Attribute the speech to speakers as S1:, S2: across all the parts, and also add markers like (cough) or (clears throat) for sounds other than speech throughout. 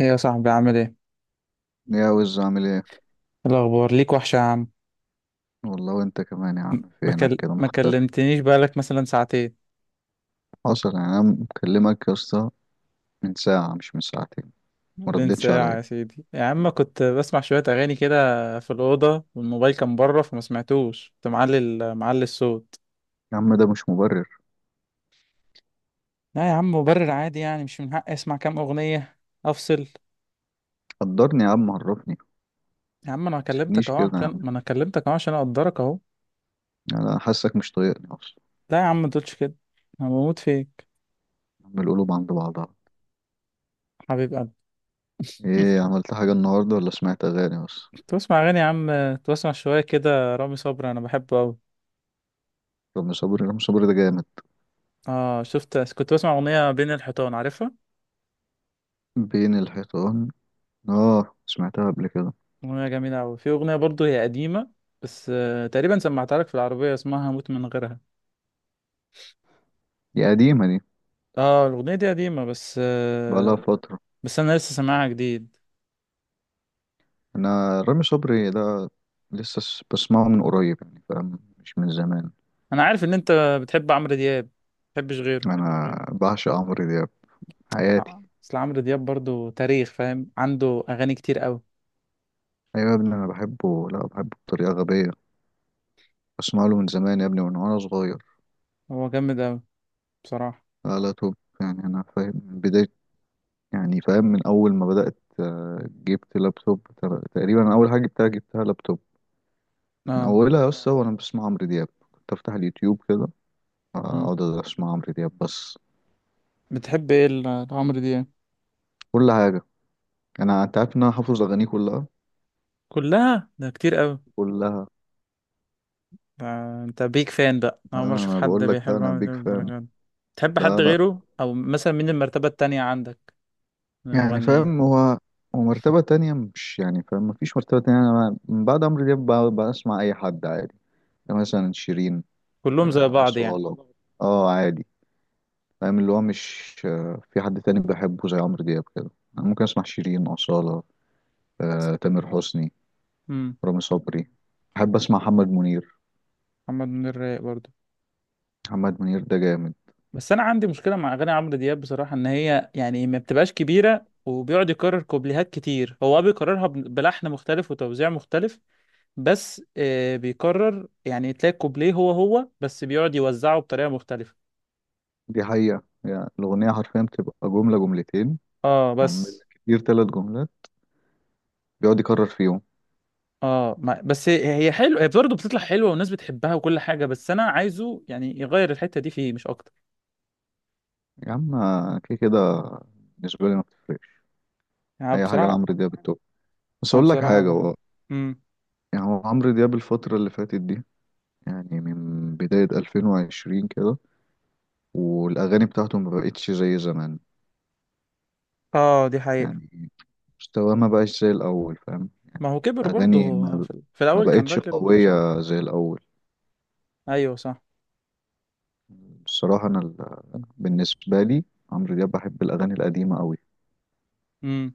S1: ايه يا صاحبي، عامل ايه؟ إيه
S2: يا وز عامل ايه؟
S1: الاخبار؟ ليك وحشه يا عم.
S2: والله وانت كمان يا عم، فينك كده
S1: ما
S2: مختفي؟
S1: كلمتنيش بقالك مثلا ساعتين.
S2: حصل يعني، انا مكلمك يا اسطى من ساعة مش من ساعتين. ما
S1: بين
S2: ردتش
S1: ساعه
S2: عليا.
S1: يا سيدي يا عم، كنت بسمع شويه اغاني كده في الاوضه، والموبايل كان بره فما سمعتوش، كنت معلي معلي الصوت.
S2: يا عم ده مش مبرر.
S1: لا يا عم، مبرر عادي، يعني مش من حقي اسمع كام اغنيه افصل؟
S2: قدرني يا عم، عرفني. ما
S1: يا عم انا كلمتك
S2: تسيبنيش
S1: اهو
S2: كده يا
S1: عشان،
S2: عم،
S1: ما انا كلمتك اهو عشان اقدرك اهو.
S2: انا حاسك مش طايقني اصلا.
S1: لا يا عم ما تقولش كده، انا بموت فيك،
S2: يا عم القلوب عند بعضها.
S1: حبيب قلبي.
S2: ايه عملت حاجة النهاردة ولا سمعت اغاني بس؟
S1: تسمع اغاني يا عم، تسمع شويه كده رامي صبري، انا بحبه قوي.
S2: رامي صبري، رامي صبري ده جامد.
S1: اه شفت، كنت بسمع اغنيه بين الحيطان، عارفها؟
S2: بين الحيطان. اه سمعتها قبل كده.
S1: اغنيه جميله قوي. في اغنيه برضو هي قديمه بس آه، تقريبا سمعتها لك في العربيه، اسمها هموت من غيرها.
S2: دي قديمة دي.
S1: اه الاغنيه دي قديمه بس
S2: بقالها
S1: آه.
S2: فترة.
S1: بس انا لسه سامعها جديد.
S2: انا رامي صبري ده لسه بسمعه من قريب، يعني فاهم، مش من زمان.
S1: انا عارف ان انت بتحب عمرو دياب، ما بتحبش غيره.
S2: انا بعشق عمرو دياب،
S1: بس
S2: حياتي.
S1: بس عمرو دياب برضو تاريخ، فاهم؟ عنده اغاني كتير قوي.
S2: ايوه يا ابني انا بحبه، لا بحبه بطريقه غبيه. بسمع له من زمان يا ابني، من وانا صغير.
S1: هو جامد قوي بصراحه.
S2: لا لا توب، يعني انا فاهم من بدايه، يعني فاهم من اول ما بدات، جبت لابتوب. تقريبا أنا اول حاجه جبتها، لابتوب من
S1: اه.
S2: اولها. بس هو انا بسمع عمرو دياب، كنت افتح اليوتيوب كده،
S1: مم.
S2: اقعد اسمع عمرو دياب بس.
S1: بتحب ايه لعمرو دياب؟
S2: كل حاجه. انت عارف ان انا حافظ اغانيه كلها.
S1: كلها؟ ده كتير قوي
S2: كلها.
S1: ده. انت بيك فان بقى، اول
S2: انا
S1: مره اشوف
S2: أنا
S1: حد
S2: بقول لك، ده
S1: بيحب
S2: انا
S1: عمرو
S2: بيج
S1: دياب
S2: فان.
S1: للدرجه دي. تحب حد
S2: لا لا.
S1: غيره؟ او مثلا مين المرتبه التانية عندك من
S2: يعني فاهم
S1: المغنيين؟
S2: هو، ومرتبة تانية مش، يعني فاهم، مفيش مرتبة تانية. أنا من بعد عمرو دياب بسمع أي حد عادي. يعني مثلا شيرين،
S1: كلهم زي بعض يعني.
S2: أصالة. اه عادي. فاهم اللي هو مش، في حد تاني بحبه زي عمرو دياب كده. أنا ممكن أسمع شيرين، أصالة، تامر حسني،
S1: امم.
S2: رامي صبري. بحب أسمع محمد منير.
S1: محمد منير رايق برضه.
S2: محمد منير ده جامد.
S1: بس انا عندي مشكله مع اغاني عمرو دياب بصراحه، ان هي يعني ما بتبقاش كبيره، وبيقعد يكرر كوبليهات كتير. هو آه بيكررها بلحن مختلف وتوزيع مختلف، بس آه بيكرر، يعني تلاقي كوبليه هو هو، بس بيقعد يوزعه بطريقه مختلفه.
S2: دي حقيقة، يعني الأغنية حرفيا بتبقى جملة جملتين،
S1: اه
S2: يعني
S1: بس.
S2: كتير تلات جملات، بيقعد يكرر فيهم.
S1: اه ما بس هي حلوه، هي برضه بتطلع حلوه والناس بتحبها وكل حاجه، بس انا عايزه يعني يغير الحته دي فيه مش اكتر.
S2: يا عم كده كده بالنسبة لي ما بتفرقش.
S1: يعني
S2: اي حاجه
S1: بصراحه.
S2: لعمرو دياب التوب. بس
S1: انا
S2: اقول لك
S1: بصراحه
S2: حاجه،
S1: بحب.
S2: هو
S1: امم.
S2: يعني هو عمرو دياب الفتره اللي فاتت دي، يعني من بدايه 2020 كده، والاغاني بتاعته ما بقتش زي زمان.
S1: اه دي حقيقه.
S2: يعني مستواه ما بقاش زي الاول، فاهم.
S1: ما هو كبر برضه،
S2: الاغاني
S1: هو في، في
S2: ما
S1: الاول كان
S2: بقتش
S1: راجل شاب.
S2: قويه زي الاول.
S1: ايوه صح.
S2: الصراحه انا بالنسبه لي، عمرو دياب بحب الاغاني القديمه قوي.
S1: امم.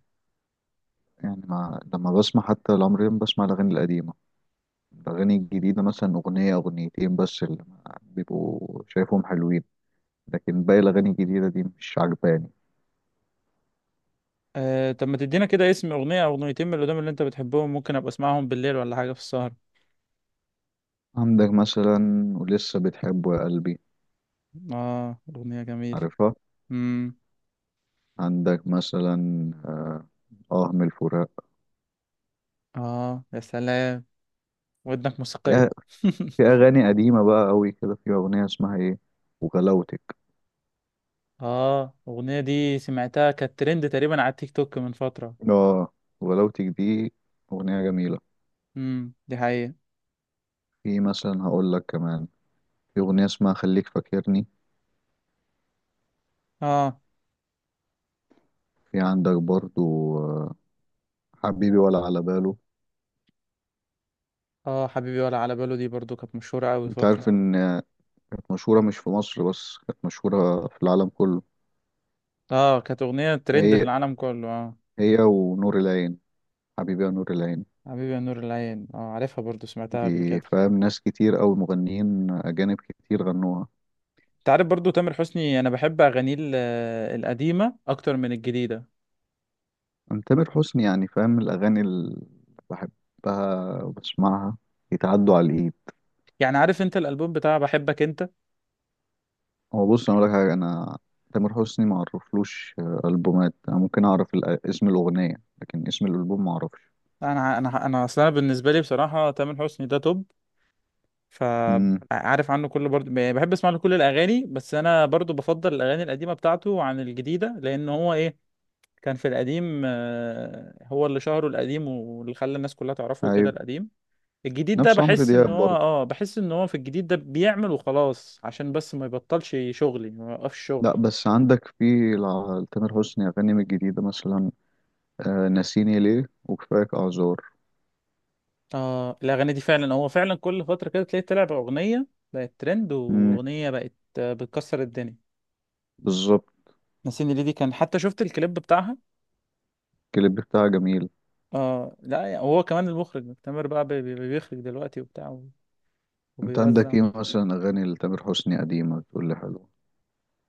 S2: يعني ما لما بسمع حتى لعمرو دياب بسمع الاغاني القديمه. الاغاني الجديده مثلا اغنيه اغنيتين بس اللي بيبقوا شايفهم حلوين، لكن باقي الأغاني الجديدة دي مش عجباني.
S1: آه طب ما تدينا كده اسم اغنيه او اغنيتين من اللي قدام اللي انت بتحبهم، ممكن ابقى اسمعهم بالليل ولا حاجه في السهره.
S2: عندك مثلا، ولسه بتحبه يا قلبي،
S1: اه اغنيه جميله.
S2: عارفها.
S1: امم.
S2: عندك مثلا، آه آه من الفراق.
S1: اه يا سلام، ودنك موسيقيه.
S2: يا- في أغاني قديمة بقى أوي كده، في أغنية اسمها إيه، وغلاوتك.
S1: (laughs) اه الاغنيه دي سمعتها، كانت ترند تقريبا على التيك توك من فتره.
S2: آه، وغلاوتك دي أغنية جميلة.
S1: دي حقيقة.
S2: في مثلا هقول لك كمان، في أغنية اسمها خليك فاكرني.
S1: اه.
S2: في عندك برضو حبيبي ولا على باله.
S1: اه حبيبي ولا على باله دي برضو كانت مشهورة أوي
S2: أنت
S1: فترة.
S2: عارف إن، مشهورة مش في مصر بس، كانت مشهورة في العالم كله.
S1: اه كانت أغنية ترند في
S2: هي
S1: العالم كله اه.
S2: هي ونور العين، حبيبي يا نور العين.
S1: حبيبي يا نور العين، اه عارفها برضو، سمعتها قبل
S2: دي
S1: كده.
S2: فاهم ناس كتير أوي، مغنيين أجانب كتير غنوها.
S1: انت عارف برضو تامر حسني، انا بحب اغانيه القديمة اكتر من الجديدة.
S2: أنا تامر حسني يعني فاهم، الأغاني اللي بحبها وبسمعها يتعدوا على الإيد.
S1: يعني عارف انت الالبوم بتاع بحبك انت؟
S2: هو بص أنا أقول لك حاجة، أنا تامر حسني ما أعرفلوش ألبومات. أنا ممكن أعرف اسم الأغنية، لكن اسم الألبوم ما أعرفش.
S1: انا اصلا بالنسبة لي بصراحة تامر حسني ده توب،
S2: امم.
S1: فعارف عنه كله، برضو بحب اسمع له كل الاغاني، بس انا برضو بفضل الاغاني القديمة بتاعته عن الجديدة، لان هو ايه، كان في القديم آه، هو اللي شهره، القديم واللي خلى الناس كلها تعرفه كده
S2: أيوه.
S1: القديم. الجديد ده
S2: نفس عمرو
S1: بحس ان
S2: دياب
S1: هو
S2: برضه.
S1: اه، بحس ان هو في الجديد ده بيعمل وخلاص عشان بس ما يبطلش شغلي، ما يوقفش شغل.
S2: لا، بس عندك في، تامر حسني أغاني من الجديدة مثلا، ناسيني ليه وكفاك أعذار.
S1: اه الاغاني دي فعلا، هو فعلا كل فترة كده تلاقي طلع باغنية بقت ترند،
S2: امم.
S1: واغنية بقت آه، بتكسر الدنيا.
S2: بالظبط.
S1: ناسيني ليه دي كان حتى شفت الكليب بتاعها.
S2: الكليب بتاعها جميل.
S1: اه لا يعني هو كمان المخرج، تامر بقى بيخرج دلوقتي وبتاع،
S2: انت عندك
S1: وبيوزع.
S2: ايه مثلا اغاني لتامر حسني قديمه تقول لي حلوه؟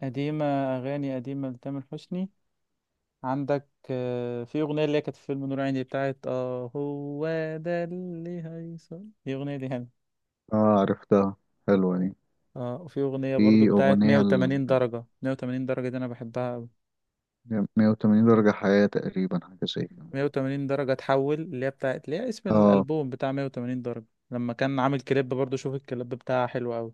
S1: قديمة، أغاني قديمة لتامر حسني، عندك آه، في أغنية اللي هي كانت في فيلم نور عيني بتاعت اه هو، ده اللي هيصل، دي أغنية دي حلوة.
S2: اه عرفتها، حلوه دي.
S1: اه وفي أغنية برضو
S2: في
S1: بتاعت
S2: اغنيه ل
S1: 180 درجة، 180 درجة دي أنا بحبها أوي.
S2: 180 درجه، حياه تقريبا حاجه زي كده.
S1: 180 درجة تحول، اللي هي بتاعت، اللي هي اسم
S2: اه.
S1: الألبوم بتاع 180 درجة. لما كان عامل كليب برضو، شوف الكليب بتاعها حلو أوي.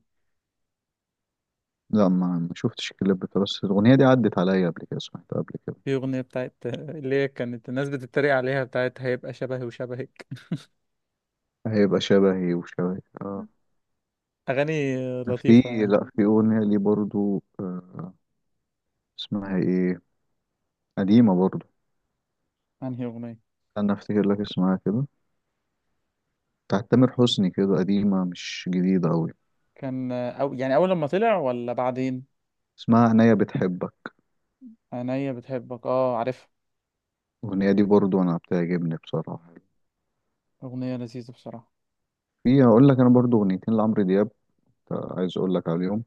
S2: لا ما شفتش الكليب بتاع، بس الاغنيه دي عدت عليا قبل كده، سمعتها قبل كده.
S1: في أغنية بتاعت (laughs) اللي هي كانت الناس بتتريق عليها، بتاعت هيبقى شبهي وشبهك. (laughs)
S2: هيبقى شبهي وشبهي، اه.
S1: أغاني
S2: في،
S1: لطيفة يعني.
S2: لا في اغنيه لي برضو، اسمها ايه، قديمه برضو.
S1: أنهي أغنية؟
S2: انا افتكر لك اسمها كده، بتاعت تامر حسني كده قديمه مش جديده قوي.
S1: كان أو يعني أول لما طلع ولا بعدين؟
S2: اسمها عينيا بتحبك.
S1: عينيا بتحبك، اه عارفها،
S2: الأغنية دي برضو أنا بتعجبني بصراحة.
S1: أغنية لذيذة بصراحة.
S2: في هقول لك، انا برضو اغنيتين لعمرو دياب، عايز اقول لك عليهم.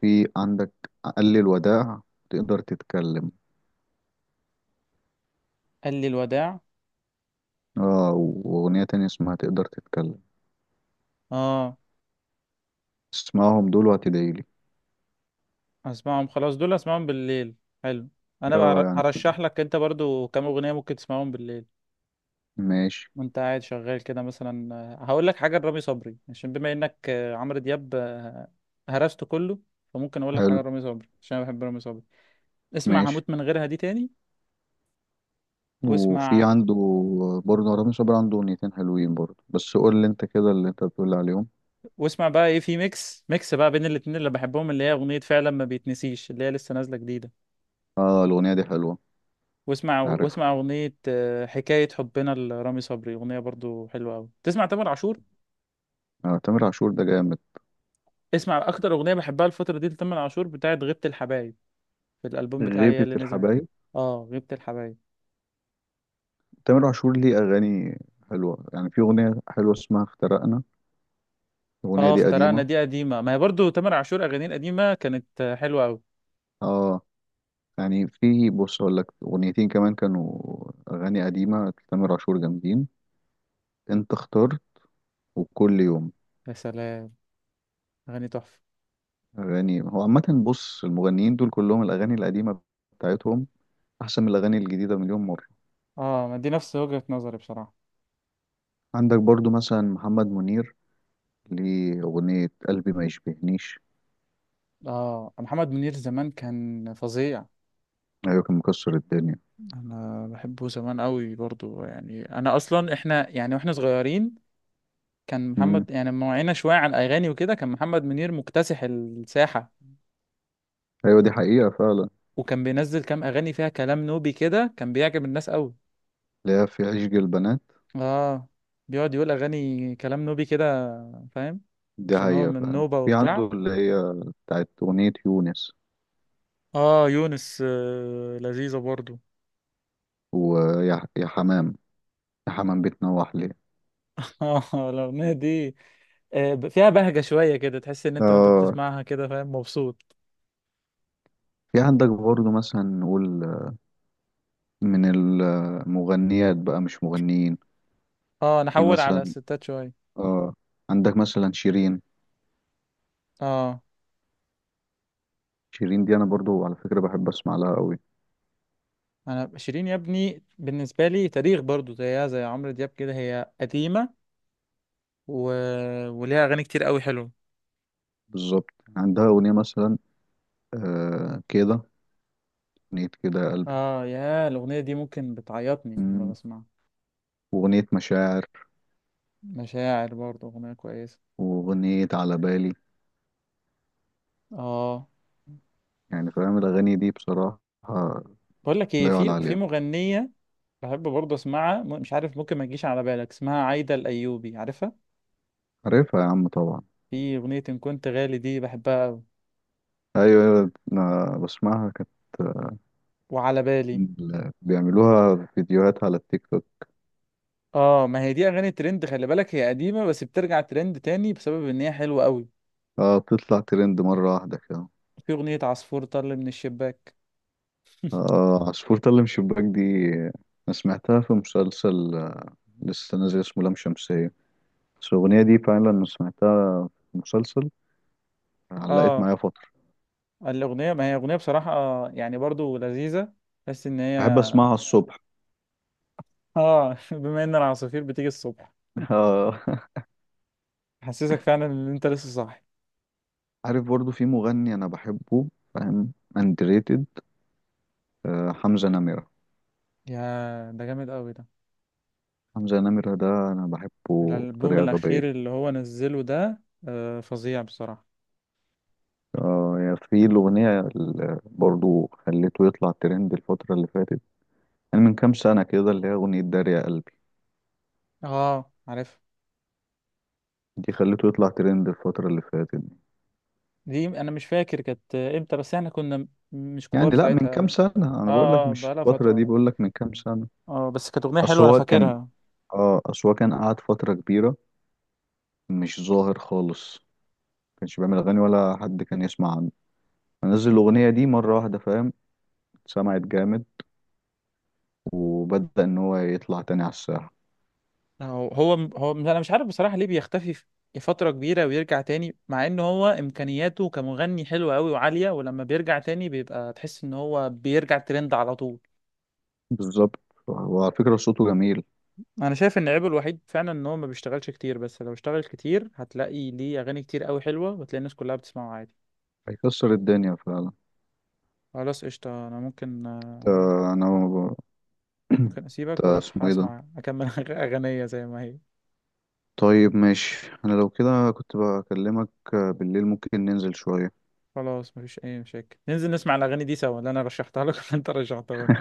S2: في عندك قال الوداع، تقدر تتكلم.
S1: قال لي الوداع،
S2: اه. واغنيه تانية اسمها تقدر تتكلم.
S1: اه.
S2: اسمعهم دول وهتدعيلي.
S1: هسمعهم خلاص، دول هسمعهم بالليل. حلو. انا
S2: اه
S1: بقى
S2: يعني
S1: هرشح لك انت برضو كام أغنية ممكن تسمعهم بالليل
S2: ماشي.
S1: وانت قاعد شغال كده مثلا. آه، هقول لك حاجة لرامي صبري عشان بما انك آه، عمرو دياب آه، هرسته كله، فممكن اقول لك
S2: حلو.
S1: حاجة لرامي صبري عشان انا بحب رامي صبري. اسمع
S2: ماشي.
S1: هموت من غيرها دي تاني،
S2: وفي
S1: واسمع،
S2: عنده برضه رامي صبري، عنده اغنيتين حلوين برضه، بس قول لي انت كده اللي انت بتقول عليهم.
S1: واسمع بقى ايه، في ميكس، ميكس بقى بين الاتنين اللي بحبهم اللي هي أغنية فعلا ما بيتنسيش، اللي هي لسه نازلة جديدة.
S2: اه الاغنيه دي حلوه.
S1: واسمع،
S2: عارفها.
S1: واسمع أغنية آه، حكاية حبنا لرامي صبري، أغنية برضو حلوة أوي. تسمع تامر عاشور،
S2: آه تامر عاشور ده جامد.
S1: اسمع أكتر أغنية بحبها الفترة دي لتامر عاشور بتاعت غيبة الحبايب، في الألبوم بتاعي يا
S2: غيبة
S1: اللي نزل.
S2: الحبايب.
S1: اه غيبة الحبايب.
S2: تامر عاشور ليه اغاني حلوه، يعني في اغنيه حلوه اسمها افترقنا، الاغنيه
S1: اه
S2: دي
S1: افترقنا
S2: قديمه.
S1: دي قديمة، ما هي برضو تامر عاشور أغانيه القديمة كانت آه، حلوة أوي.
S2: اه يعني في بص اقول لك، اغنيتين كمان كانوا اغاني قديمه لتامر عاشور جامدين. انت اختار. وكل يوم.
S1: يا سلام، أغاني تحفة.
S2: اغاني هو عامه بص، المغنيين دول كلهم الاغاني القديمه بتاعتهم احسن من الاغاني الجديده مليون مره.
S1: اه ما دي نفس وجهة نظري بصراحة.
S2: عندك برضو مثلا محمد منير، ليه اغنيه قلبي ما يشبهنيش.
S1: اه محمد منير زمان كان فظيع.
S2: ايوه كان مكسر الدنيا.
S1: انا بحبه زمان قوي برضو، يعني انا اصلا احنا يعني واحنا صغيرين كان
S2: امم.
S1: محمد، يعني لما وعينا شوية على الأغاني وكده كان محمد منير مكتسح الساحة.
S2: ايوه دي حقيقه فعلا.
S1: وكان بينزل كام أغاني فيها كلام نوبي كده، كان بيعجب الناس قوي.
S2: اللي هي في عشق البنات.
S1: اه بيقعد يقول أغاني كلام نوبي كده، فاهم،
S2: دي
S1: عشان هو
S2: حقيقه
S1: من
S2: فعلا،
S1: نوبة
S2: في عنده
S1: وبتاع.
S2: اللي هي بتاعت اغنيه يونس.
S1: اه يونس آه لذيذة برضو.
S2: ويا حمام، حمام بتنوح ليه.
S1: (laughs) اه الأغنية دي آه فيها بهجة شوية كده، تحس إن أنت وأنت
S2: اه.
S1: بتسمعها كده فاهم مبسوط.
S2: في عندك برضه مثلا نقول من المغنيات بقى، مش مغنيين.
S1: اه
S2: في
S1: نحول على
S2: مثلا،
S1: الستات شوية.
S2: اه، عندك مثلا شيرين.
S1: اه.
S2: شيرين دي انا برضو على فكرة بحب اسمع لها قوي.
S1: انا شيرين يا ابني بالنسبه لي تاريخ برضو، زيها زي عمرو دياب كده، هي قديمه و... وليها اغاني كتير قوي حلوه.
S2: بالظبط. عندها اغنية مثلا، آه كده، اغنية كده يا قلبي.
S1: اه يا، الاغنيه دي ممكن بتعيطني لما
S2: مم،
S1: بسمعها.
S2: واغنية مشاعر،
S1: مشاعر برضو اغنيه كويسه.
S2: واغنية على بالي.
S1: اه
S2: يعني فاهم الاغاني دي بصراحة
S1: بقول لك ايه،
S2: لا يعلى
S1: في
S2: عليها.
S1: مغنيه بحب برضو اسمعها، مش عارف ممكن ما تجيش على بالك، اسمها عايده الايوبي، عارفها؟
S2: عارفها يا عم طبعا.
S1: في اغنيه ان كنت غالي دي بحبها قوي،
S2: ايوه ايوه أنا بسمعها، كانت
S1: وعلى بالي.
S2: بيعملوها فيديوهات على التيك توك.
S1: اه ما هي دي اغاني ترند، خلي بالك هي قديمه بس بترجع ترند تاني بسبب ان هي حلوه قوي.
S2: اه بتطلع ترند مرة واحدة كده.
S1: في أغنية عصفور طل من الشباك.
S2: اه عصفور طلم شباك دي أنا سمعتها في مسلسل لسه نازل اسمه لام شمسية، بس الأغنية دي فعلا أنا سمعتها في مسلسل، علقت
S1: اه
S2: معايا فترة.
S1: الأغنية ما هي أغنية بصراحة آه، يعني برضو لذيذة بس إن هي
S2: بحب أسمعها الصبح.
S1: اه. (laughs) بما إن العصافير بتيجي الصبح (laughs)
S2: آه. (laughs)
S1: حسسك فعلا إن أنت لسه صاحي.
S2: عارف برضو في مغني أنا بحبه، فاهم، underrated. حمزة نمرة.
S1: يا ده جامد أوي ده.
S2: حمزة نمرة ده أنا بحبه
S1: الألبوم
S2: بطريقة
S1: الأخير
S2: غبية.
S1: اللي هو نزله ده آه فظيع بصراحة.
S2: يعني في الأغنية اللي برضو خليته يطلع ترند الفترة اللي فاتت، يعني من كام سنة كده، اللي هي أغنية دار يا قلبي.
S1: اه عارف.
S2: دي خليته يطلع ترند الفترة اللي فاتت دي.
S1: دي أنا مش فاكر كانت إمتى، بس إحنا كنا مش
S2: يعني
S1: كبار
S2: لأ من كام
S1: ساعتها.
S2: سنة
S1: اه.
S2: أنا بقول لك،
S1: آه،
S2: مش
S1: بقالها
S2: الفترة دي،
S1: فترة.
S2: بقول لك من كام سنة.
S1: اه بس كانت أغنية
S2: أصل
S1: حلوة أنا
S2: هو كان،
S1: فاكرها.
S2: أصل هو كان قعد فترة كبيرة مش ظاهر خالص، ما كانش بيعمل أغاني ولا حد كان يسمع عنه، فنزل الأغنية دي مرة واحدة فاهم، سمعت جامد، وبدأ إن هو يطلع تاني على الساحة.
S1: هو انا مش عارف بصراحة ليه بيختفي في فترة كبيرة ويرجع تاني، مع ان هو امكانياته كمغني حلوة قوي وعالية، ولما بيرجع تاني بيبقى، تحس ان هو بيرجع ترند على طول.
S2: بالظبط. وعلى فكرة صوته جميل.
S1: انا شايف ان عيبه الوحيد فعلا ان هو ما بيشتغلش كتير، بس لو اشتغل كتير هتلاقي ليه اغاني كتير قوي حلوة، وتلاقي الناس كلها بتسمعه عادي.
S2: هيكسر الدنيا فعلا.
S1: خلاص قشطة، انا ممكن آه،
S2: آه، أنا ب- (clears throat)
S1: ممكن
S2: إنت
S1: اسيبك واروح
S2: اسمه إيه ده؟
S1: اسمع اكمل (laughs) اغنية زي ما هي.
S2: طيب ماشي، انا لو كده كنت بكلمك بالليل، ممكن ننزل شوية.
S1: خلاص مفيش اي مشاكل، ننزل نسمع الاغاني دي سوا، اللي انا رشحتها لك (laughs) وانت رشحتها لي.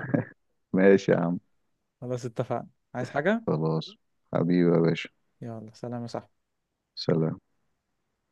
S2: ماشي يا عم.
S1: خلاص اتفقنا. عايز حاجة؟
S2: خلاص. حبيبي يا باشا.
S1: يلا سلام يا صاحبي.
S2: سلام.